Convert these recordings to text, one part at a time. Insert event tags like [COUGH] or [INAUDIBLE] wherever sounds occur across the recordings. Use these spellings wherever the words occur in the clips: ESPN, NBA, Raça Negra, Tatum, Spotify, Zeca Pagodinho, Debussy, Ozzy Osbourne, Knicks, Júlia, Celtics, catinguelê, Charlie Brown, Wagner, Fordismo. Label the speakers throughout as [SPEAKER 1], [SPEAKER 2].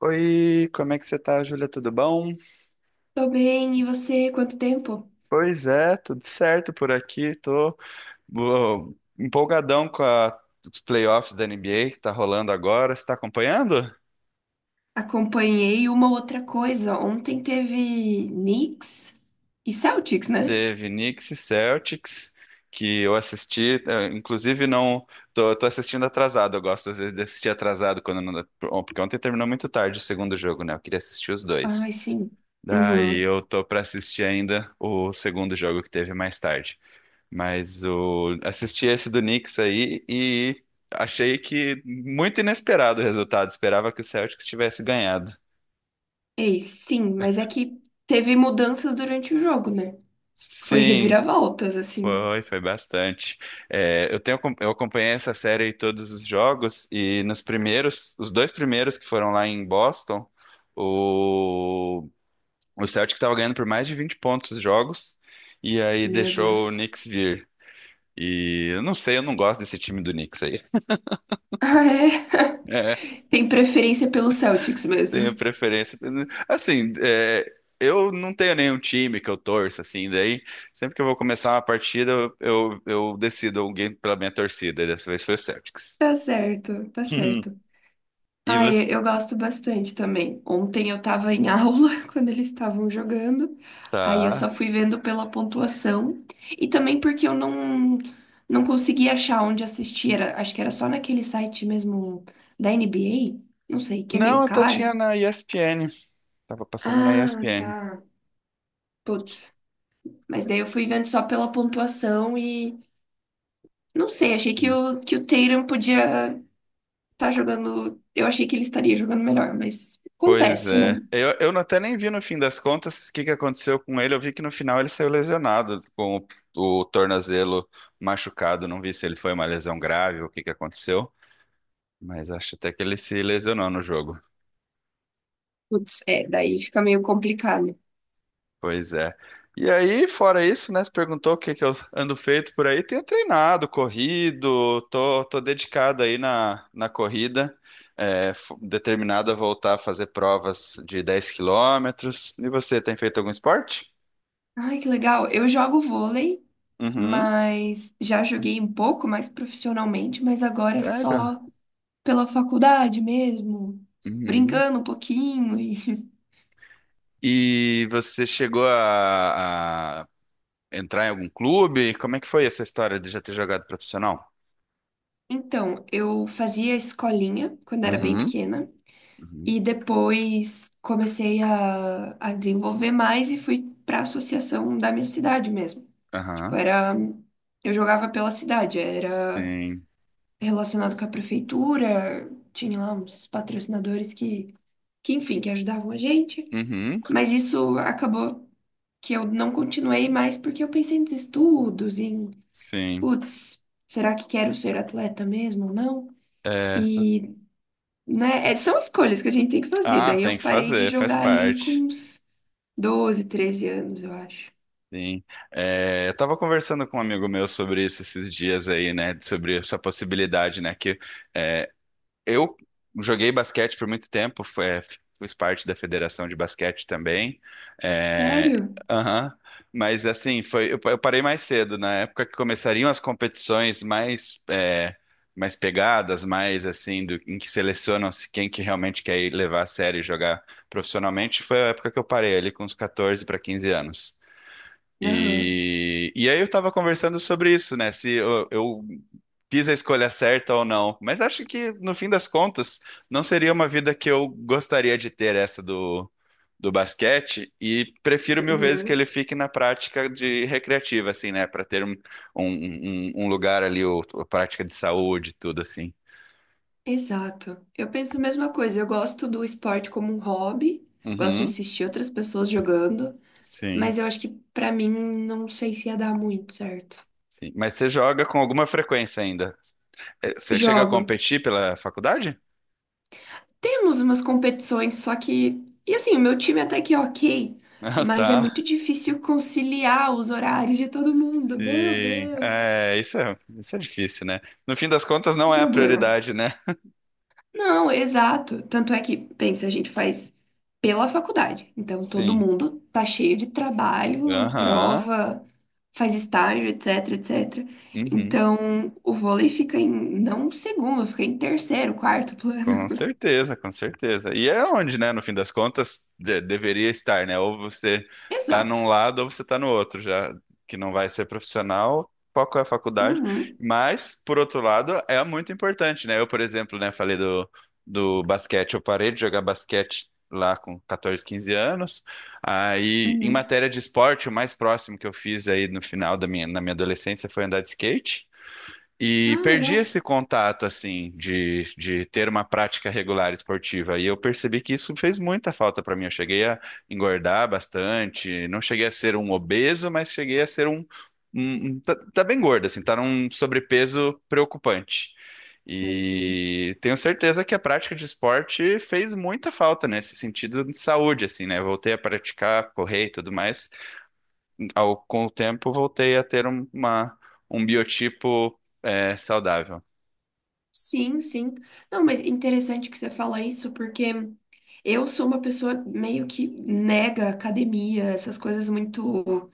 [SPEAKER 1] Oi, como é que você tá, Júlia? Tudo bom?
[SPEAKER 2] Tô bem, e você? Quanto tempo?
[SPEAKER 1] Pois é, tudo certo por aqui. Tô ó, empolgadão com os playoffs da NBA que tá rolando agora. Você tá acompanhando?
[SPEAKER 2] Acompanhei uma outra coisa. Ontem teve Knicks e Celtics, né?
[SPEAKER 1] Teve Knicks e Celtics, que eu assisti, inclusive não, tô assistindo atrasado. Eu gosto às vezes de assistir atrasado quando não dá, porque ontem terminou muito tarde o segundo jogo, né? Eu queria assistir os
[SPEAKER 2] Ai,
[SPEAKER 1] dois.
[SPEAKER 2] sim.
[SPEAKER 1] Daí
[SPEAKER 2] Uhum.
[SPEAKER 1] eu tô pra assistir ainda o segundo jogo que teve mais tarde. Mas assisti esse do Knicks aí e achei que muito inesperado o resultado. Esperava que o Celtics tivesse ganhado.
[SPEAKER 2] Ei, sim, mas é que teve mudanças durante o jogo, né? Foi
[SPEAKER 1] Sim,
[SPEAKER 2] reviravoltas, assim.
[SPEAKER 1] foi bastante. É, eu acompanhei essa série e todos os jogos e nos primeiros, os dois primeiros que foram lá em Boston, o, o Celtics estava ganhando por mais de 20 pontos os jogos e aí
[SPEAKER 2] Meu
[SPEAKER 1] deixou o
[SPEAKER 2] Deus.
[SPEAKER 1] Knicks vir. E eu não sei, eu não gosto desse time do Knicks aí.
[SPEAKER 2] Ah, é?
[SPEAKER 1] É.
[SPEAKER 2] [LAUGHS] Tem preferência pelo Celtics mesmo.
[SPEAKER 1] Tenho preferência. Assim, é, eu não tenho nenhum time que eu torço, assim, daí sempre que eu vou começar uma partida, eu decido alguém pela minha torcida, e dessa vez foi o Celtics.
[SPEAKER 2] Tá certo, tá certo.
[SPEAKER 1] [LAUGHS] E
[SPEAKER 2] Ah, eu,
[SPEAKER 1] você?
[SPEAKER 2] eu gosto bastante também. Ontem eu tava em [LAUGHS] aula quando eles estavam jogando, aí eu
[SPEAKER 1] Tá.
[SPEAKER 2] só fui vendo pela pontuação e também porque eu não consegui achar onde assistir. Acho que era só naquele site mesmo da NBA, não sei, que é
[SPEAKER 1] Não,
[SPEAKER 2] meio
[SPEAKER 1] até
[SPEAKER 2] caro.
[SPEAKER 1] tinha na ESPN. Tava passando na
[SPEAKER 2] Ah,
[SPEAKER 1] ESPN.
[SPEAKER 2] tá. Putz. Mas daí eu fui vendo só pela pontuação e não sei, achei que o Tatum podia estar jogando. Eu achei que ele estaria jogando melhor, mas
[SPEAKER 1] Pois
[SPEAKER 2] acontece, né?
[SPEAKER 1] é. Eu não- Até nem vi no fim das contas o que que aconteceu com ele. Eu vi que no final ele saiu lesionado, com o tornozelo machucado. Não vi se ele foi uma lesão grave ou o que que aconteceu. Mas acho até que ele se lesionou no jogo.
[SPEAKER 2] Putz, é, daí fica meio complicado.
[SPEAKER 1] Pois é. E aí, fora isso, né? Você perguntou o que que eu ando feito por aí. Tenho treinado, corrido, tô dedicado aí na, na corrida, determinado a voltar a fazer provas de 10 km. E você, tem feito algum esporte?
[SPEAKER 2] Ai, que legal. Eu jogo vôlei,
[SPEAKER 1] Uhum.
[SPEAKER 2] mas já joguei um pouco mais profissionalmente, mas agora é
[SPEAKER 1] Sério?
[SPEAKER 2] só pela faculdade mesmo,
[SPEAKER 1] Uhum.
[SPEAKER 2] brincando um pouquinho. [LAUGHS]
[SPEAKER 1] E você chegou a entrar em algum clube? Como é que foi essa história de já ter jogado profissional?
[SPEAKER 2] Então, eu fazia escolinha quando era bem
[SPEAKER 1] Uhum.
[SPEAKER 2] pequena
[SPEAKER 1] Uhum.
[SPEAKER 2] e depois comecei a desenvolver mais e fui para a associação da minha cidade mesmo. Tipo,
[SPEAKER 1] Aham.
[SPEAKER 2] era, eu jogava pela cidade, era
[SPEAKER 1] Sim.
[SPEAKER 2] relacionado com a prefeitura, tinha lá uns patrocinadores que enfim, que ajudavam a gente,
[SPEAKER 1] Uhum.
[SPEAKER 2] mas isso acabou que eu não continuei mais porque eu pensei nos estudos, em,
[SPEAKER 1] Sim.
[SPEAKER 2] putz, será que quero ser atleta mesmo ou não?
[SPEAKER 1] É.
[SPEAKER 2] E, né, são escolhas que a gente tem que fazer,
[SPEAKER 1] Ah,
[SPEAKER 2] daí eu
[SPEAKER 1] tem que
[SPEAKER 2] parei de
[SPEAKER 1] fazer, faz
[SPEAKER 2] jogar ali com
[SPEAKER 1] parte.
[SPEAKER 2] uns doze treze anos, eu acho.
[SPEAKER 1] Sim. É, eu tava conversando com um amigo meu sobre isso esses dias aí, né? Sobre essa possibilidade, né? É, Eu joguei basquete por muito tempo, fiz parte da federação de basquete também. É,
[SPEAKER 2] Sério?
[SPEAKER 1] aham. Mas assim, foi, eu parei mais cedo, na época que começariam as competições mais, é, mais pegadas, mais assim, em que selecionam-se quem que realmente quer ir levar a sério e jogar profissionalmente, foi a época que eu parei ali com uns 14 para 15 anos.
[SPEAKER 2] Aham.
[SPEAKER 1] E aí eu tava conversando sobre isso, né? Se eu, eu fiz a escolha certa ou não. Mas acho que, no fim das contas, não seria uma vida que eu gostaria de ter essa do, do basquete. E prefiro mil vezes que ele fique na prática de recreativa, assim, né? Para ter um lugar ali, ou prática de saúde, tudo assim.
[SPEAKER 2] Exato. Eu penso a mesma coisa. Eu gosto do esporte como um hobby, gosto de
[SPEAKER 1] Uhum,
[SPEAKER 2] assistir outras pessoas jogando,
[SPEAKER 1] sim,
[SPEAKER 2] mas eu acho que pra mim não sei se ia dar muito certo.
[SPEAKER 1] sim. Mas você joga com alguma frequência ainda? Você chega a
[SPEAKER 2] Jogo.
[SPEAKER 1] competir pela faculdade? [LAUGHS]
[SPEAKER 2] Temos umas competições, só que. E assim, o meu time até que é ok,
[SPEAKER 1] Ah,
[SPEAKER 2] mas é muito
[SPEAKER 1] tá.
[SPEAKER 2] difícil conciliar os horários de todo mundo. Meu
[SPEAKER 1] Sim.
[SPEAKER 2] Deus.
[SPEAKER 1] Isso é difícil, né? No fim das contas, não
[SPEAKER 2] Um
[SPEAKER 1] é a
[SPEAKER 2] problema.
[SPEAKER 1] prioridade, né?
[SPEAKER 2] Não, exato. Tanto é que, pensa, a gente faz pela faculdade. Então, todo
[SPEAKER 1] Sim.
[SPEAKER 2] mundo tá cheio de trabalho,
[SPEAKER 1] Aham.
[SPEAKER 2] prova, faz estágio, etc, etc.
[SPEAKER 1] Uhum.
[SPEAKER 2] Então, o vôlei fica em, não segundo, fica em terceiro, quarto plano.
[SPEAKER 1] Com certeza, com certeza. E é onde, né, no fim das contas, deveria estar, né? Ou você
[SPEAKER 2] [LAUGHS]
[SPEAKER 1] tá num
[SPEAKER 2] Exato.
[SPEAKER 1] lado ou você tá no outro, já que não vai ser profissional, foco é a faculdade.
[SPEAKER 2] Uhum,
[SPEAKER 1] Mas, por outro lado, é muito importante, né? Eu, por exemplo, né, falei do, do basquete, eu parei de jogar basquete lá com 14, 15 anos. Aí, em
[SPEAKER 2] uhum.
[SPEAKER 1] matéria de esporte, o mais próximo que eu fiz aí no final da minha, na minha adolescência foi andar de skate. E
[SPEAKER 2] Ah,
[SPEAKER 1] perdi
[SPEAKER 2] legal.
[SPEAKER 1] esse contato, assim, de ter uma prática regular esportiva. E eu percebi que isso fez muita falta para mim. Eu cheguei a engordar bastante, não cheguei a ser um obeso, mas cheguei a ser um. Tá bem gordo, assim, tá num sobrepeso preocupante.
[SPEAKER 2] Uhum.
[SPEAKER 1] E tenho certeza que a prática de esporte fez muita falta nesse sentido de saúde, assim, né? Voltei a praticar, correr e tudo mais ao, com o tempo, voltei a ter um biotipo saudável.
[SPEAKER 2] Sim, sim. Não, mas interessante que você fala isso, porque eu sou uma pessoa meio que nega academia, essas coisas muito.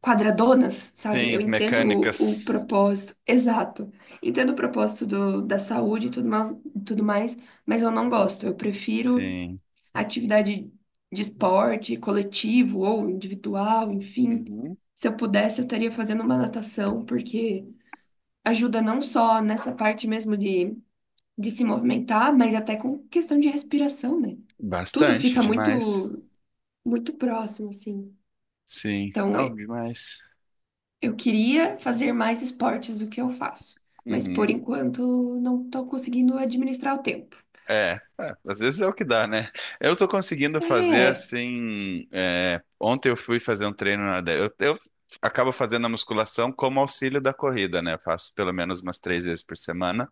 [SPEAKER 2] Quadradonas, sabe? Eu
[SPEAKER 1] Sim,
[SPEAKER 2] entendo o
[SPEAKER 1] mecânicas.
[SPEAKER 2] propósito, exato. Entendo o propósito do, da saúde e tudo mais, mas eu não gosto. Eu prefiro
[SPEAKER 1] Sim.
[SPEAKER 2] atividade de esporte, coletivo ou individual, enfim.
[SPEAKER 1] Uhum.
[SPEAKER 2] Se eu pudesse, eu estaria fazendo uma natação, porque ajuda não só nessa parte mesmo de se movimentar, mas até com questão de respiração, né? Tudo
[SPEAKER 1] Bastante,
[SPEAKER 2] fica
[SPEAKER 1] demais.
[SPEAKER 2] muito, muito próximo, assim.
[SPEAKER 1] Sim,
[SPEAKER 2] Então,
[SPEAKER 1] não, demais.
[SPEAKER 2] eu queria fazer mais esportes do que eu faço, mas por
[SPEAKER 1] Uhum.
[SPEAKER 2] enquanto não estou conseguindo administrar o tempo.
[SPEAKER 1] É, é, às vezes é o que dá, né? Eu tô conseguindo fazer
[SPEAKER 2] É.
[SPEAKER 1] assim. Ontem eu fui fazer um treino eu acabo fazendo a musculação como auxílio da corrida, né? Eu faço pelo menos umas três vezes por semana.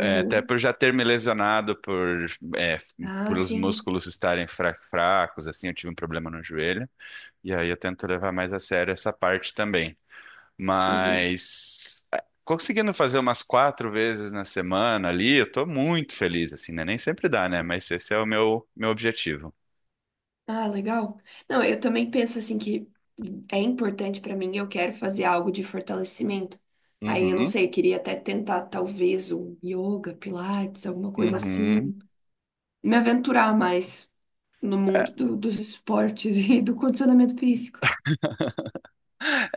[SPEAKER 1] É, até por já ter me lesionado é,
[SPEAKER 2] Ah,
[SPEAKER 1] por os
[SPEAKER 2] sim.
[SPEAKER 1] músculos estarem fracos, assim, eu tive um problema no joelho. E aí eu tento levar mais a sério essa parte também.
[SPEAKER 2] Uhum.
[SPEAKER 1] Mas é, conseguindo fazer umas quatro vezes na semana ali, eu tô muito feliz, assim, né? Nem sempre dá, né? Mas esse é o meu objetivo.
[SPEAKER 2] Ah, legal. Não, eu também penso assim que é importante para mim, eu quero fazer algo de fortalecimento. Aí eu não
[SPEAKER 1] Uhum,
[SPEAKER 2] sei, eu queria até tentar talvez um yoga, pilates, alguma coisa assim,
[SPEAKER 1] uhum.
[SPEAKER 2] me aventurar mais no mundo dos esportes [LAUGHS] e do condicionamento físico.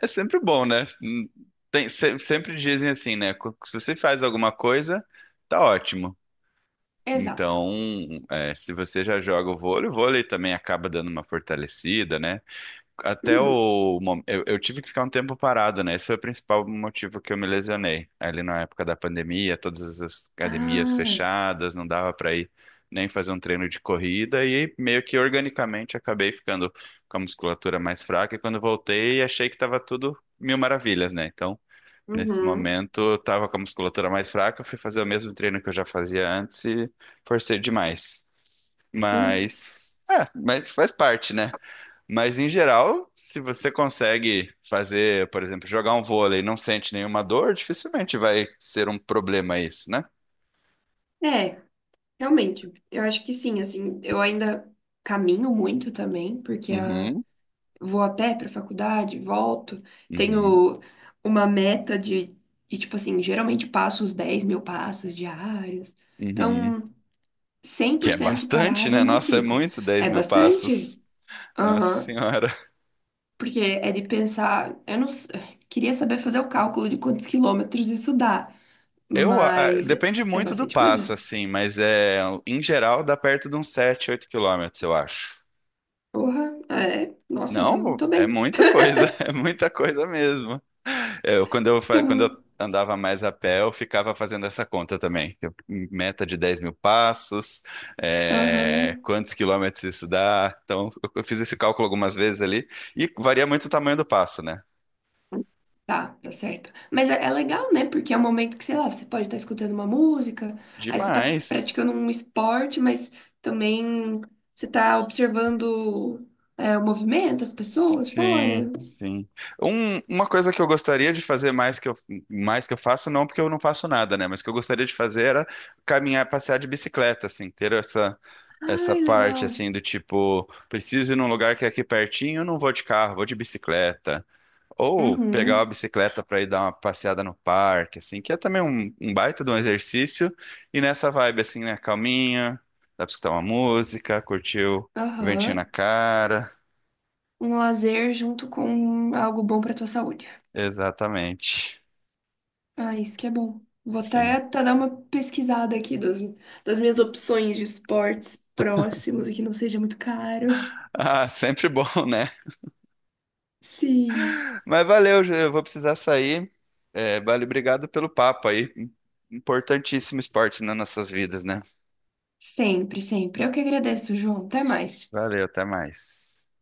[SPEAKER 1] É sempre bom, né? Sempre dizem assim, né? Se você faz alguma coisa, tá ótimo.
[SPEAKER 2] Exato.
[SPEAKER 1] Então, é, se você já joga o vôlei também acaba dando uma fortalecida, né? Até
[SPEAKER 2] Uhum.
[SPEAKER 1] o mom- eu tive que ficar um tempo parado, né? Esse foi o principal motivo que eu me lesionei. Ali na época da pandemia, todas as academias
[SPEAKER 2] Ah.
[SPEAKER 1] fechadas, não dava para ir nem fazer um treino de corrida e meio que organicamente acabei ficando com a musculatura mais fraca. E quando voltei, achei que estava tudo mil maravilhas, né? Então nesse
[SPEAKER 2] Uhum.
[SPEAKER 1] momento, eu tava com a musculatura mais fraca, fui fazer o mesmo treino que eu já fazia antes e forcei demais.
[SPEAKER 2] Putz.
[SPEAKER 1] Mas, é, mas faz parte, né? Mas em geral, se você consegue fazer, por exemplo, jogar um vôlei e não sente nenhuma dor, dificilmente vai ser um problema isso, né?
[SPEAKER 2] É, realmente. Eu acho que sim, assim, eu ainda caminho muito também, porque a...
[SPEAKER 1] Uhum,
[SPEAKER 2] Vou a pé pra faculdade, volto,
[SPEAKER 1] uhum,
[SPEAKER 2] tenho uma meta de, e, tipo assim, geralmente passo os 10 mil passos diários.
[SPEAKER 1] uhum.
[SPEAKER 2] Então, cem
[SPEAKER 1] Que
[SPEAKER 2] por
[SPEAKER 1] é
[SPEAKER 2] cento
[SPEAKER 1] bastante,
[SPEAKER 2] parada
[SPEAKER 1] né?
[SPEAKER 2] não
[SPEAKER 1] Nossa, é
[SPEAKER 2] fico.
[SPEAKER 1] muito 10
[SPEAKER 2] É
[SPEAKER 1] mil
[SPEAKER 2] bastante?
[SPEAKER 1] passos. Nossa
[SPEAKER 2] Aham.
[SPEAKER 1] Senhora.
[SPEAKER 2] Porque é de pensar, eu não s- queria saber fazer o cálculo de quantos quilômetros isso dá,
[SPEAKER 1] Eu, a-
[SPEAKER 2] mas
[SPEAKER 1] Depende
[SPEAKER 2] é
[SPEAKER 1] muito do
[SPEAKER 2] bastante coisa.
[SPEAKER 1] passo, assim, mas é, em geral dá perto de uns 7, 8 quilômetros, eu acho.
[SPEAKER 2] Porra, é. Nossa, então
[SPEAKER 1] Não,
[SPEAKER 2] tô
[SPEAKER 1] é
[SPEAKER 2] bem.
[SPEAKER 1] muita
[SPEAKER 2] [LAUGHS]
[SPEAKER 1] coisa, [LAUGHS] é muita coisa mesmo. É, Eu, quando eu, fa- quando
[SPEAKER 2] Então,
[SPEAKER 1] eu andava mais a pé, eu ficava fazendo essa conta também. Meta de 10 mil passos, é,
[SPEAKER 2] aham,
[SPEAKER 1] quantos quilômetros isso dá. Então, eu fiz esse cálculo algumas vezes ali, e varia muito o tamanho do passo, né?
[SPEAKER 2] tá, tá certo. Mas é, é legal, né? Porque é um momento que, sei lá, você pode estar escutando uma música, aí você tá
[SPEAKER 1] Demais.
[SPEAKER 2] praticando um esporte, mas também você tá observando é, o movimento, as pessoas fora.
[SPEAKER 1] Sim, sim. Uma coisa que eu gostaria de fazer mais que eu faço, não porque eu não faço nada, né? Mas que eu gostaria de fazer era caminhar, passear de bicicleta, assim, ter essa
[SPEAKER 2] Ai,
[SPEAKER 1] parte,
[SPEAKER 2] legal.
[SPEAKER 1] assim, do tipo, preciso ir num lugar que é aqui pertinho, não vou de carro, vou de bicicleta. Ou pegar uma
[SPEAKER 2] Uhum,
[SPEAKER 1] bicicleta para ir dar uma passeada no parque, assim, que é também um baita de um exercício. E nessa vibe, assim, né? Calminha, dá pra escutar uma música, curtir o ventinho na
[SPEAKER 2] aham.
[SPEAKER 1] cara.
[SPEAKER 2] Um lazer junto com algo bom pra tua saúde.
[SPEAKER 1] Exatamente.
[SPEAKER 2] Ah, isso que é bom. Vou até,
[SPEAKER 1] Sim.
[SPEAKER 2] até dar uma pesquisada aqui das, das minhas opções de esportes próximos e que não seja muito caro.
[SPEAKER 1] Ah, [LAUGHS] sempre bom, né?
[SPEAKER 2] Sim,
[SPEAKER 1] Mas valeu, Ju, eu vou precisar sair. É, vale, obrigado pelo papo aí. Importantíssimo esporte nas nossas vidas, né?
[SPEAKER 2] sempre, sempre. Eu que agradeço, João. Até mais.
[SPEAKER 1] Valeu, até mais.